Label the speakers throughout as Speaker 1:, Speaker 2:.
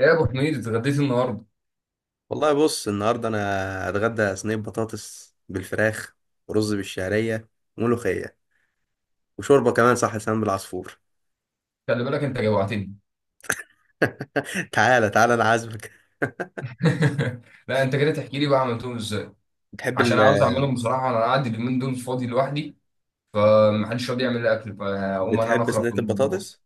Speaker 1: ايه يا ابو حميد، اتغديت النهارده؟
Speaker 2: والله، بص النهارده انا هتغدى صينيه بطاطس بالفراخ ورز بالشعريه وملوخيه وشوربه كمان، صح، لسان بالعصفور.
Speaker 1: خلي بالك، انت جوعتني.
Speaker 2: تعالى تعالى، انا عازمك.
Speaker 1: لا، انت كده تحكي لي بقى عملتهم ازاي.
Speaker 2: بتحب
Speaker 1: عشان
Speaker 2: ال...
Speaker 1: عاوز اعملهم بصراحه، انا قاعد اليومين دول فاضي لوحدي. محدش راضي يعمل لي اكل فاقوم انا
Speaker 2: بتحب
Speaker 1: نخرب في
Speaker 2: صينيه
Speaker 1: المطبخ.
Speaker 2: البطاطس؟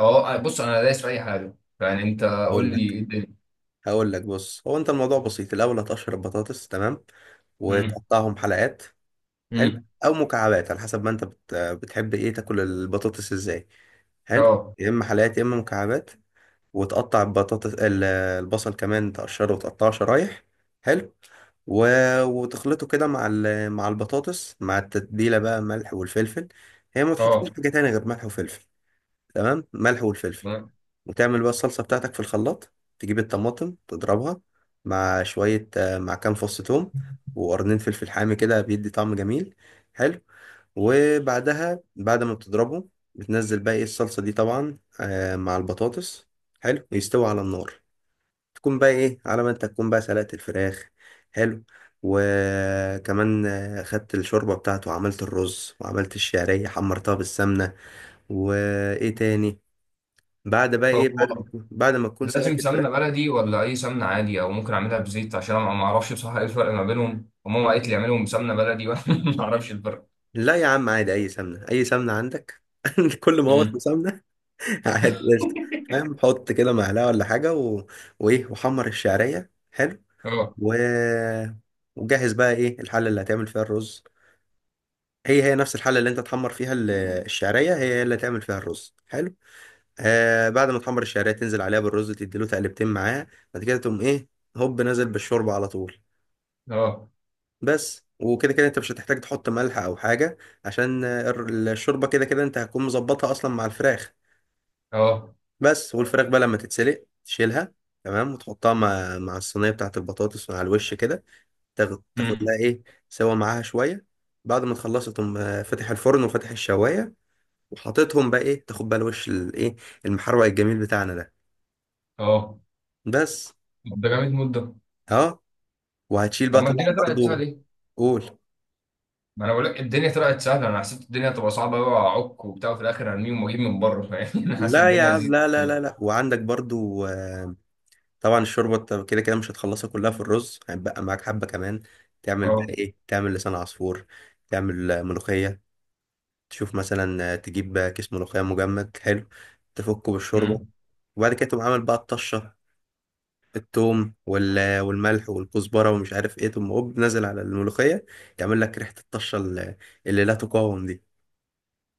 Speaker 1: اه، بص انا دايس في اي حاجه. يعني انت قول
Speaker 2: هقول
Speaker 1: لي
Speaker 2: لك
Speaker 1: ايه الدنيا.
Speaker 2: هقول لك بص، هو انت الموضوع بسيط. الاول هتقشر البطاطس، تمام،
Speaker 1: امم.
Speaker 2: وتقطعهم حلقات. حلو.
Speaker 1: امم.
Speaker 2: او مكعبات على حسب ما انت بتحب ايه، تاكل البطاطس ازاي؟ حلو.
Speaker 1: اه.
Speaker 2: يا اما حلقات يا اما مكعبات. وتقطع البصل كمان، تقشره وتقطعه شرايح. حلو. و... وتخلطه كده مع البطاطس، مع التتبيلة بقى، ملح والفلفل. هي ما
Speaker 1: اه.
Speaker 2: تحطلوش حاجة تانية غير ملح وفلفل. تمام، ملح والفلفل. وتعمل بقى الصلصة بتاعتك في الخلاط. تجيب الطماطم تضربها مع شوية مع كام فص ثوم وقرنين فلفل حامي، كده بيدي طعم جميل. حلو. وبعدها بعد ما بتضربه، بتنزل بقى ايه الصلصة دي طبعا مع البطاطس. حلو، ويستوي على النار. تكون بقى ايه، على ما انت تكون بقى سلقت الفراخ. حلو. وكمان خدت الشوربة بتاعته، وعملت الرز، وعملت الشعرية حمرتها بالسمنة. وايه تاني؟ بعد بقى
Speaker 1: طب
Speaker 2: ايه، بعد ما
Speaker 1: هو
Speaker 2: بعد ما تكون
Speaker 1: لازم
Speaker 2: سلقت الفراخ.
Speaker 1: سمنه بلدي ولا اي سمنه عادي، او ممكن اعملها بزيت؟ عشان انا ما اعرفش بصراحه ايه الفرق ما بينهم، وماما قالت لي اعملهم بسمنه بلدي وانا ما اعرفش الفرق.
Speaker 2: لا يا عم، عادي، اي سمنة، اي سمنة عندك، كل ما هو اسمه
Speaker 1: مم.
Speaker 2: سمنة. عادي، قشطة. فاهم، حط كده معلقة ولا حاجة، وإيه، وحمر الشعرية. حلو.
Speaker 1: اه.
Speaker 2: و... وجهز بقى إيه الحلة اللي هتعمل فيها الرز. هي هي نفس الحلة اللي أنت تحمر فيها الشعرية، هي هي اللي هتعمل فيها الرز. حلو. آه، بعد ما تحمر الشعرية تنزل عليها بالرز، تديله تقلبتين معاه. بعد كده تقوم إيه؟ هوب نازل بالشوربة على طول.
Speaker 1: اه.
Speaker 2: بس. وكده كده أنت مش هتحتاج تحط ملح أو حاجة، عشان الشوربة كده كده أنت هتكون مظبطها أصلا مع الفراخ.
Speaker 1: اه.
Speaker 2: بس. والفراخ بقى لما تتسلق تشيلها، تمام، وتحطها مع مع الصينيه بتاعت البطاطس على الوش كده. تاخد تاخد لها
Speaker 1: امم.
Speaker 2: ايه، سوا معاها شويه. بعد ما تخلصها تقوم فاتح الفرن وفاتح الشوايه، وحاططهم بقى ايه، تاخد بقى الوش الايه، المحروق الجميل بتاعنا ده.
Speaker 1: اه.
Speaker 2: بس.
Speaker 1: طب ده جامد مده؟
Speaker 2: اه، وهتشيل
Speaker 1: طب
Speaker 2: بقى
Speaker 1: ما
Speaker 2: طبعا
Speaker 1: الدنيا طلعت سهله
Speaker 2: برضو.
Speaker 1: ليه؟
Speaker 2: قول.
Speaker 1: ما انا بقول لك الدنيا طلعت سهله. انا حسيت الدنيا هتبقى صعبه قوي، واعك وبتاع، وفي الاخر هرميهم واجيب من بره، فاهم؟ انا حاسس
Speaker 2: لا يا
Speaker 1: الدنيا
Speaker 2: عم،
Speaker 1: لذيذه
Speaker 2: لا لا
Speaker 1: كده.
Speaker 2: لا لا، وعندك برضو طبعا الشوربه أنت كده كده مش هتخلصها كلها في الرز، هيبقى معاك حبه كمان. تعمل بقى
Speaker 1: اه.
Speaker 2: ايه، تعمل لسان عصفور. تعمل ملوخيه. تشوف مثلا تجيب كيس ملوخية مجمد. حلو. تفكه بالشوربة.
Speaker 1: امم.
Speaker 2: وبعد كده تقوم عامل بقى الطشة، التوم والملح والكزبرة ومش عارف ايه، تقوم هوب نازل على الملوخية، يعمل لك ريحة الطشة اللي لا تقاوم دي.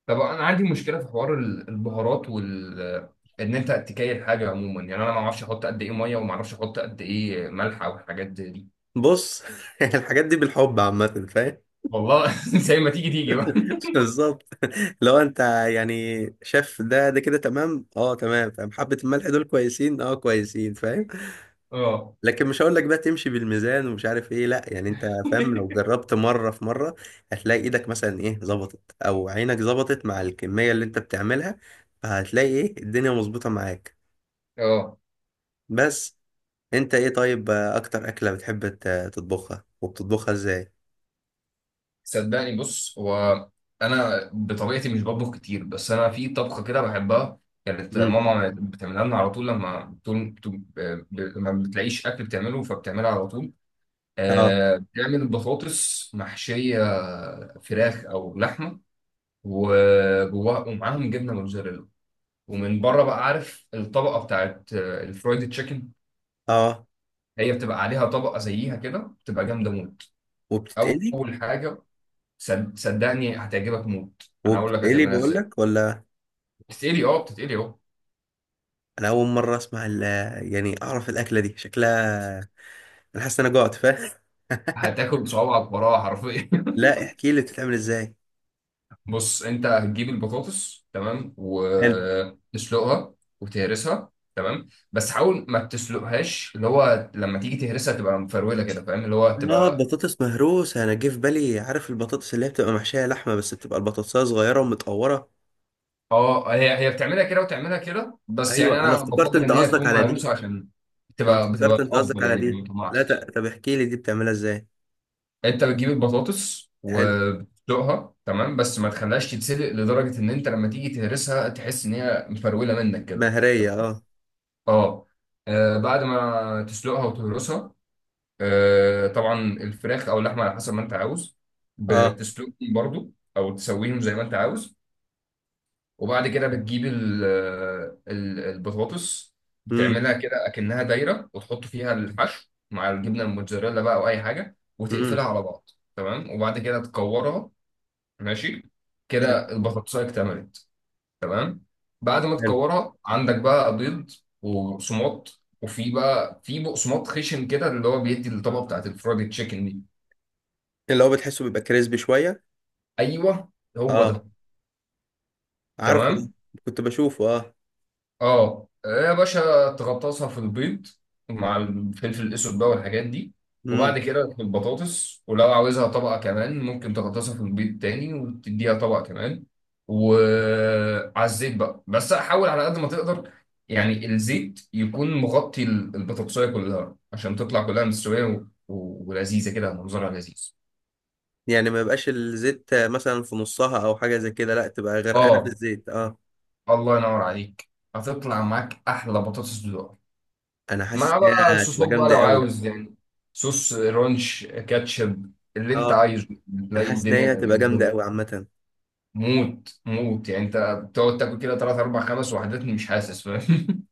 Speaker 1: طب انا عندي مشكله في حوار البهارات، ان انت تكايل حاجه عموما. يعني انا ما اعرفش احط قد ايه ميه، وما اعرفش احط قد ايه ملح او حاجات زي دي.
Speaker 2: بص. الحاجات دي بالحب عامة، فاهم.
Speaker 1: والله زي ما تيجي تيجي بقى.
Speaker 2: بالظبط. لو انت يعني شاف ده، ده كده تمام، اه تمام، فاهم، حبة الملح دول كويسين، اه كويسين، فاهم.
Speaker 1: اه.
Speaker 2: لكن مش هقول لك بقى تمشي بالميزان ومش عارف ايه، لا يعني انت فاهم، لو جربت مره في مره هتلاقي ايدك مثلا ايه ظبطت، او عينك ظبطت مع الكميه اللي انت بتعملها، فهتلاقي ايه الدنيا مظبوطه معاك.
Speaker 1: اه.
Speaker 2: بس. انت ايه، طيب اكتر اكله بتحب تطبخها، وبتطبخها ازاي؟
Speaker 1: صدقني، بص هو، انا بطبيعتي مش بطبخ كتير، بس انا في طبخه كده بحبها. كانت
Speaker 2: امم
Speaker 1: ماما بتعملها لنا على طول، لما بتلاقيش اكل بتعمله فبتعملها على طول.
Speaker 2: اه.
Speaker 1: بتعمل بطاطس محشيه فراخ او لحمه، وجواها ومعاهم جبنه موتزاريلا، ومن بره بقى عارف الطبقه بتاعت الفرايد تشيكن،
Speaker 2: اه،
Speaker 1: هي بتبقى عليها طبقه زيها كده، بتبقى جامده موت.
Speaker 2: وبتتقلي.
Speaker 1: اول حاجه، صدقني هتعجبك موت، انا هقول لك
Speaker 2: وبتتقلي
Speaker 1: هتعملها
Speaker 2: بقول
Speaker 1: ازاي.
Speaker 2: لك ولا؟
Speaker 1: بتتقلي، اه بتتقلي اهو.
Speaker 2: انا اول مره اسمع يعني اعرف الاكله دي شكلها. انا حاسس ان انا جوعت، فاهم.
Speaker 1: هتاكل بصوابعك وراها حرفيا.
Speaker 2: لا احكي لي بتتعمل ازاي.
Speaker 1: بص، انت هتجيب البطاطس تمام وتسلقها وتهرسها، تمام؟ بس حاول ما تسلقهاش، اللي هو لما تيجي تهرسها تبقى مفروله كده، فاهم؟ اللي هو
Speaker 2: اه،
Speaker 1: تبقى.
Speaker 2: بطاطس مهروسة، انا جه في بالي، عارف البطاطس اللي هي بتبقى محشية لحمة بس بتبقى البطاطساية صغيرة ومتقورة.
Speaker 1: اه، هي هي بتعملها كده وتعملها كده، بس يعني
Speaker 2: ايوه، انا
Speaker 1: انا
Speaker 2: افتكرت
Speaker 1: بفضل
Speaker 2: انت
Speaker 1: ان هي
Speaker 2: قصدك
Speaker 1: تكون
Speaker 2: على دي
Speaker 1: مهروسه، عشان
Speaker 2: انا
Speaker 1: تبقى بتبقى
Speaker 2: افتكرت انت قصدك
Speaker 1: افضل،
Speaker 2: على
Speaker 1: يعني
Speaker 2: دي
Speaker 1: ما
Speaker 2: لا
Speaker 1: تطلعش.
Speaker 2: ت- طب احكي لي دي بتعملها ازاي؟
Speaker 1: انت بتجيب البطاطس
Speaker 2: حلو،
Speaker 1: وبتسلقها تمام، بس ما تخليهاش تتسلق لدرجه ان انت لما تيجي تهرسها تحس ان هي مفروله منك كده. تمام.
Speaker 2: مهرية، اه.
Speaker 1: اه. بعد ما تسلقها وتهرسها، طبعا الفراخ او اللحمه على حسب ما انت عاوز،
Speaker 2: اه.
Speaker 1: بتسلقهم برضو، او تسويهم زي ما انت عاوز. وبعد كده بتجيب البطاطس،
Speaker 2: امم.
Speaker 1: بتعملها كده اكنها دايره، وتحط فيها الحشو مع الجبنه الموتزاريلا بقى، او اي حاجه، وتقفلها
Speaker 2: امم.
Speaker 1: على بعض. تمام، وبعد كده تكورها. ماشي.
Speaker 2: حلو.
Speaker 1: كده البطاطسايه اكتملت. تمام. بعد ما
Speaker 2: حلو.
Speaker 1: تكورها، عندك بقى بيض وبقسماط، وفي بقى في بقسماط خشن كده، اللي هو بيدي الطبقه بتاعت الفرايد تشيكن دي.
Speaker 2: اللي هو بتحسه بيبقى كريسبي شوية.
Speaker 1: ايوه، هو ده.
Speaker 2: اه، عارفه ده،
Speaker 1: تمام.
Speaker 2: كنت بشوفه. اه.
Speaker 1: اه. ايه يا باشا؟ تغطسها في البيض مع الفلفل الاسود بقى والحاجات دي. وبعد
Speaker 2: امم.
Speaker 1: كده في البطاطس، ولو عاوزها طبقه كمان، ممكن تغطسها في البيض تاني وتديها طبقه كمان. وعلى الزيت بقى، بس حاول على قد ما تقدر يعني الزيت يكون مغطي البطاطسايه كلها، عشان تطلع كلها مستويه ولذيذه كده، منظرها لذيذ.
Speaker 2: يعني ما يبقاش الزيت مثلا في نصها او حاجة زي كده، لا تبقى غرقانة في
Speaker 1: اه.
Speaker 2: الزيت. اه.
Speaker 1: الله ينور عليك، هتطلع معاك احلى بطاطس.
Speaker 2: انا حاسس
Speaker 1: مع بقى
Speaker 2: انها هتبقى
Speaker 1: صوصات بقى
Speaker 2: جامدة
Speaker 1: لو
Speaker 2: قوي.
Speaker 1: عاوز، يعني صوص رانش، كاتشب، اللي انت
Speaker 2: اه،
Speaker 1: عايزه،
Speaker 2: انا
Speaker 1: تلاقي
Speaker 2: حاسس ان هي
Speaker 1: الدنيا
Speaker 2: هتبقى جامده
Speaker 1: قدامك.
Speaker 2: قوي عامه.
Speaker 1: موت موت، يعني انت بتقعد تاكل كده ثلاث اربع خمس وحدات مش حاسس، فاهم؟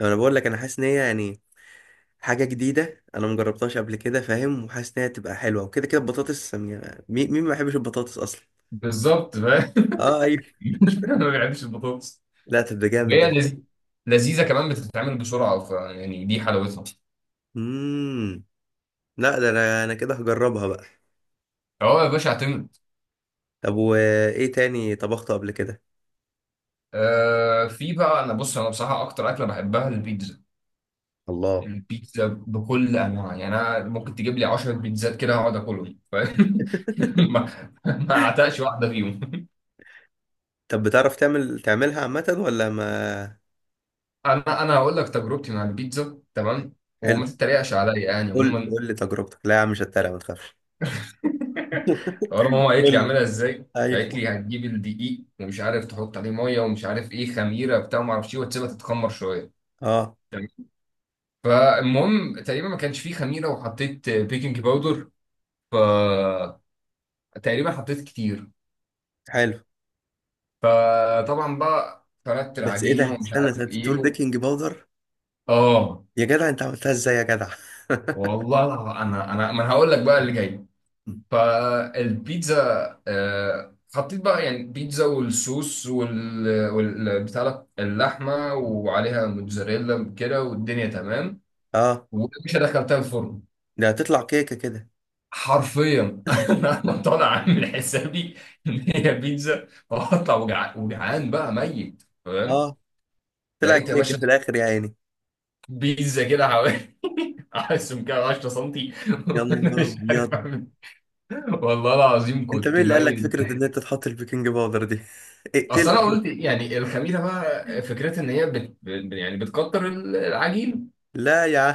Speaker 2: انا بقول لك، انا حاسس ان هي يعني حاجه جديده، انا مجربتهاش قبل كده، فاهم، وحاسس ان هي هتبقى حلوه، وكده كده البطاطس، يعني مين مين ما بيحبش البطاطس اصلا؟
Speaker 1: بالظبط، فاهم.
Speaker 2: اه ايوه.
Speaker 1: انا ما بحبش البطاطس.
Speaker 2: لا تبقى جامد ده.
Speaker 1: هي لذيذه كمان، بتتعمل بسرعه، ف يعني دي حلاوتها.
Speaker 2: امم. لا ده، انا كده هجربها بقى.
Speaker 1: اه يا باشا، اعتمد.
Speaker 2: طب وايه تاني طبخته قبل كده؟
Speaker 1: في بقى انا، بص انا بصراحه اكتر اكله بحبها البيتزا.
Speaker 2: الله.
Speaker 1: البيتزا بكل انواع، يعني انا ممكن تجيب لي 10 بيتزات كده اقعد اكلهم، فاهم؟ ما ما اعتقش واحده فيهم.
Speaker 2: طب بتعرف تعمل تعملها عامه ولا ما؟
Speaker 1: انا هقول لك تجربتي مع البيتزا، تمام، وما
Speaker 2: حلو،
Speaker 1: تتريقش عليا يعني
Speaker 2: قول،
Speaker 1: عموما.
Speaker 2: قول لي تجربتك، لا يا عم مش هتريق، ما تخافش.
Speaker 1: اول ما ماما قالت لي
Speaker 2: قول لي.
Speaker 1: اعملها ازاي، قالت لي
Speaker 2: ايوه.
Speaker 1: هتجيب الدقيق، ومش عارف تحط عليه ميه، ومش عارف ايه خميره بتاع ما اعرفش ايه، وتسيبها تتخمر شويه.
Speaker 2: اه.
Speaker 1: تمام. فالمهم، تقريبا ما كانش فيه خميره، وحطيت بيكنج باودر، ف تقريبا حطيت كتير.
Speaker 2: حلو.
Speaker 1: فطبعا بقى فردت
Speaker 2: بس ايه
Speaker 1: العجينه
Speaker 2: ده،
Speaker 1: ومش
Speaker 2: استنى،
Speaker 1: عارف
Speaker 2: انت
Speaker 1: ايه
Speaker 2: بتقول بيكنج باودر؟
Speaker 1: اه.
Speaker 2: يا جدع انت عملتها ازاي يا جدع؟
Speaker 1: والله، انا انا ما انا هقول لك بقى اللي جاي. فالبيتزا، حطيت بقى يعني بيتزا، والصوص، بتاع ده، اللحمه، وعليها موتزاريلا كده، والدنيا تمام.
Speaker 2: اه،
Speaker 1: ومش دخلتها الفرن.
Speaker 2: ده هتطلع كيكه كده.
Speaker 1: حرفيا انا طالع عامل حسابي ان هي بيتزا، وهطلع وجعان بقى ميت، تمام.
Speaker 2: اه، طلعت
Speaker 1: لقيت يا
Speaker 2: كيكه
Speaker 1: باشا
Speaker 2: في الاخر يا عيني.
Speaker 1: بيتزا كده حوالي عايزهم كده 10 سنتي.
Speaker 2: يا
Speaker 1: وانا
Speaker 2: نهار
Speaker 1: مش
Speaker 2: ابيض.
Speaker 1: عارف اعمل إيه. والله العظيم
Speaker 2: انت
Speaker 1: كنت
Speaker 2: مين اللي قال لك
Speaker 1: ميت
Speaker 2: فكره ان
Speaker 1: ضحك.
Speaker 2: انت تحط البيكنج باودر دي؟
Speaker 1: اصل
Speaker 2: اقتله.
Speaker 1: انا قلت يعني الخميره بقى، فكرتها ان هي يعني بتكتر العجين،
Speaker 2: لا يا عم،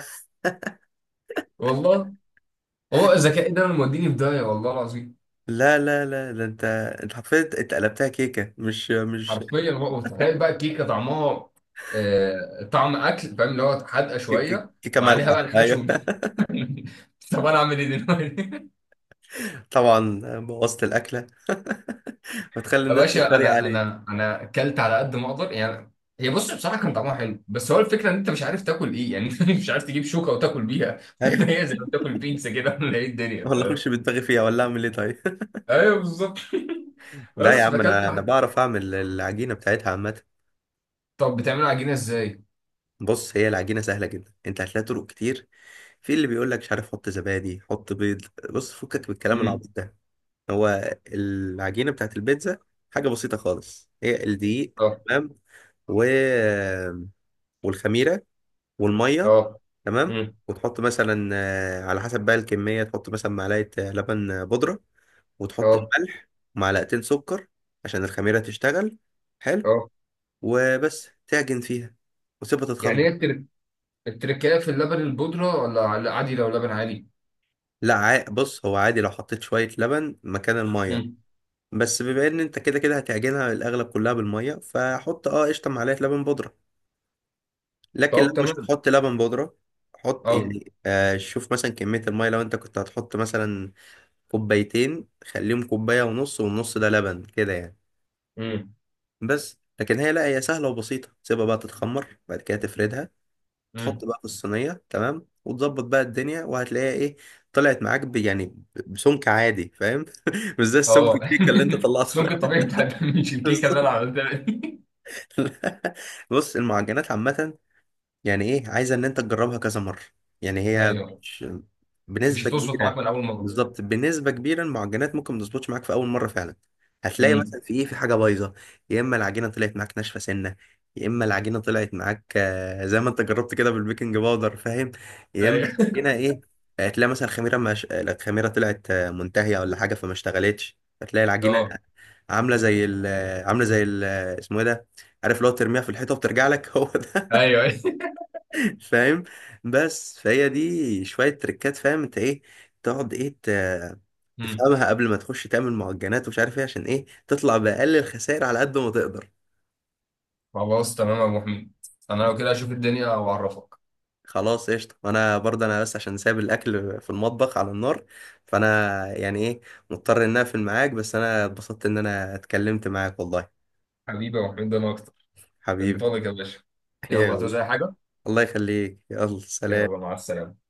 Speaker 1: والله. هو الذكاء ده اللي موديني في داهيه، والله العظيم.
Speaker 2: لا لا لا، ده انت، انت حرفيا اتقلبتها كيكه، مش
Speaker 1: حرفيا بقى، وتخيل بقى الكيكه طعمها طعم اكل، فاهم؟ اللي هو حادقه شويه،
Speaker 2: كيكه
Speaker 1: وعليها بقى
Speaker 2: مالحه،
Speaker 1: الحشو.
Speaker 2: ايوه.
Speaker 1: طب انا اعمل ايه دلوقتي؟
Speaker 2: طبعا بوظت الاكله. بتخلي
Speaker 1: يا
Speaker 2: الناس
Speaker 1: باشا،
Speaker 2: تتريق
Speaker 1: انا
Speaker 2: عليك.
Speaker 1: انا انا اكلت على قد ما اقدر يعني. هي بص بصراحه كان طعمها حلو، بس هو الفكره ان انت مش عارف تاكل ايه يعني. انت مش عارف تجيب شوكه وتاكل بيها،
Speaker 2: ايوه،
Speaker 1: ولا هي زي ما بتاكل بيتزا كده، ولا ايه الدنيا،
Speaker 2: والله اخش
Speaker 1: فاهم؟
Speaker 2: بدماغي فيها ولا اعمل ايه طيب؟
Speaker 1: ايوه بالظبط.
Speaker 2: لا يا
Speaker 1: بس
Speaker 2: عم،
Speaker 1: فاكلت
Speaker 2: انا
Speaker 1: واحد.
Speaker 2: بعرف اعمل العجينه بتاعتها عامه.
Speaker 1: طب بتعملوا عجينه ازاي؟
Speaker 2: بص، هي العجينه سهله جدا، انت هتلاقي طرق كتير. في اللي بيقول لك مش عارف، حط زبادي، حط بيض، بص فكك من الكلام
Speaker 1: امم.
Speaker 2: العبيط ده. هو العجينه بتاعت البيتزا حاجه بسيطه خالص، هي الدقيق،
Speaker 1: اه.
Speaker 2: تمام، و... والخميره والميه.
Speaker 1: اه.
Speaker 2: تمام.
Speaker 1: امم.
Speaker 2: وتحط مثلا على حسب بقى الكميه، تحط مثلا معلقه لبن بودره، وتحط
Speaker 1: اه.
Speaker 2: الملح ومعلقتين سكر عشان الخميره تشتغل. حلو.
Speaker 1: اه.
Speaker 2: وبس، تعجن فيها وتسيبها
Speaker 1: يعني
Speaker 2: تتخمر.
Speaker 1: ايه التركية في اللبن البودره، ولا عادي لو لبن عادي؟
Speaker 2: لا عا- بص، هو عادي لو حطيت شوية لبن مكان المية،
Speaker 1: امم.
Speaker 2: بس بما ان انت كده كده هتعجنها الاغلب كلها بالمية، فحط اه قشطة معلقة لبن بودرة. لكن لو
Speaker 1: طب
Speaker 2: مش
Speaker 1: تمام.
Speaker 2: هتحط لبن بودرة، حط
Speaker 1: اه.
Speaker 2: يعني آه، شوف مثلا كمية المية، لو انت كنت هتحط مثلا كوبايتين، خليهم كوباية ونص، والنص ده لبن كده يعني.
Speaker 1: امم.
Speaker 2: بس، لكن هي، لا هي سهلة وبسيطة. تسيبها بقى تتخمر، بعد كده تفردها،
Speaker 1: امم.
Speaker 2: تحط بقى في الصينية، تمام، وتظبط بقى الدنيا، وهتلاقيها ايه، طلعت معاك يعني بسمك عادي، فاهم. مش زي السمك
Speaker 1: اه.
Speaker 2: الكيكة اللي انت طلعته
Speaker 1: السمك
Speaker 2: ده.
Speaker 1: الطبيعي بتاع، مش الكيكه اللي انا
Speaker 2: بالظبط.
Speaker 1: عملتها دي.
Speaker 2: بص، المعجنات عامة يعني ايه، عايزه ان انت تجربها كذا مره. يعني هي
Speaker 1: ايوه،
Speaker 2: مش
Speaker 1: مش
Speaker 2: بنسبه
Speaker 1: هتظبط
Speaker 2: كبيره،
Speaker 1: معاك من اول مره.
Speaker 2: بالظبط بنسبه كبيره المعجنات ممكن ما تظبطش معاك في اول مره فعلا. هتلاقي
Speaker 1: امم.
Speaker 2: مثلا في ايه، في حاجه بايظه. يا اما العجينه طلعت معاك ناشفه سنه، يا اما العجينه طلعت معاك زي ما انت جربت كده بالبيكنج باودر، فاهم. يا اما
Speaker 1: أيوة.
Speaker 2: هنا ايه، تلاقي مثلا خميره مش... الخميره طلعت منتهيه ولا حاجه، فما اشتغلتش، فتلاقي العجينه
Speaker 1: اه.
Speaker 2: عامله زي ال... اسمه ايه ده، عارف، لو ترميها في الحيطه وبترجع لك، هو ده.
Speaker 1: ايوه. ايوه.
Speaker 2: فاهم. بس، فهي دي شوية تريكات، فاهم، انت ايه تقعد
Speaker 1: امم.
Speaker 2: تفهمها قبل ما تخش تعمل معجنات ومش عارف ايه، عشان ايه، تطلع بأقل الخسائر على قد ما تقدر.
Speaker 1: خلاص تمام يا ابو حميد، انا لو كده اشوف الدنيا واعرفك.
Speaker 2: خلاص، قشطة، وانا برضه انا بس عشان سايب الاكل في المطبخ على النار، فانا يعني ايه، مضطر ان اقفل معاك، بس انا اتبسطت ان اتكلمت معاك والله.
Speaker 1: حبيبي يا ابو حميد، انا اكتر.
Speaker 2: حبيبي.
Speaker 1: انطلق يا باشا. يلا هتعوز
Speaker 2: يلا،
Speaker 1: اي حاجه؟
Speaker 2: الله يخليك، يلا
Speaker 1: يلا
Speaker 2: سلام.
Speaker 1: مع السلامه.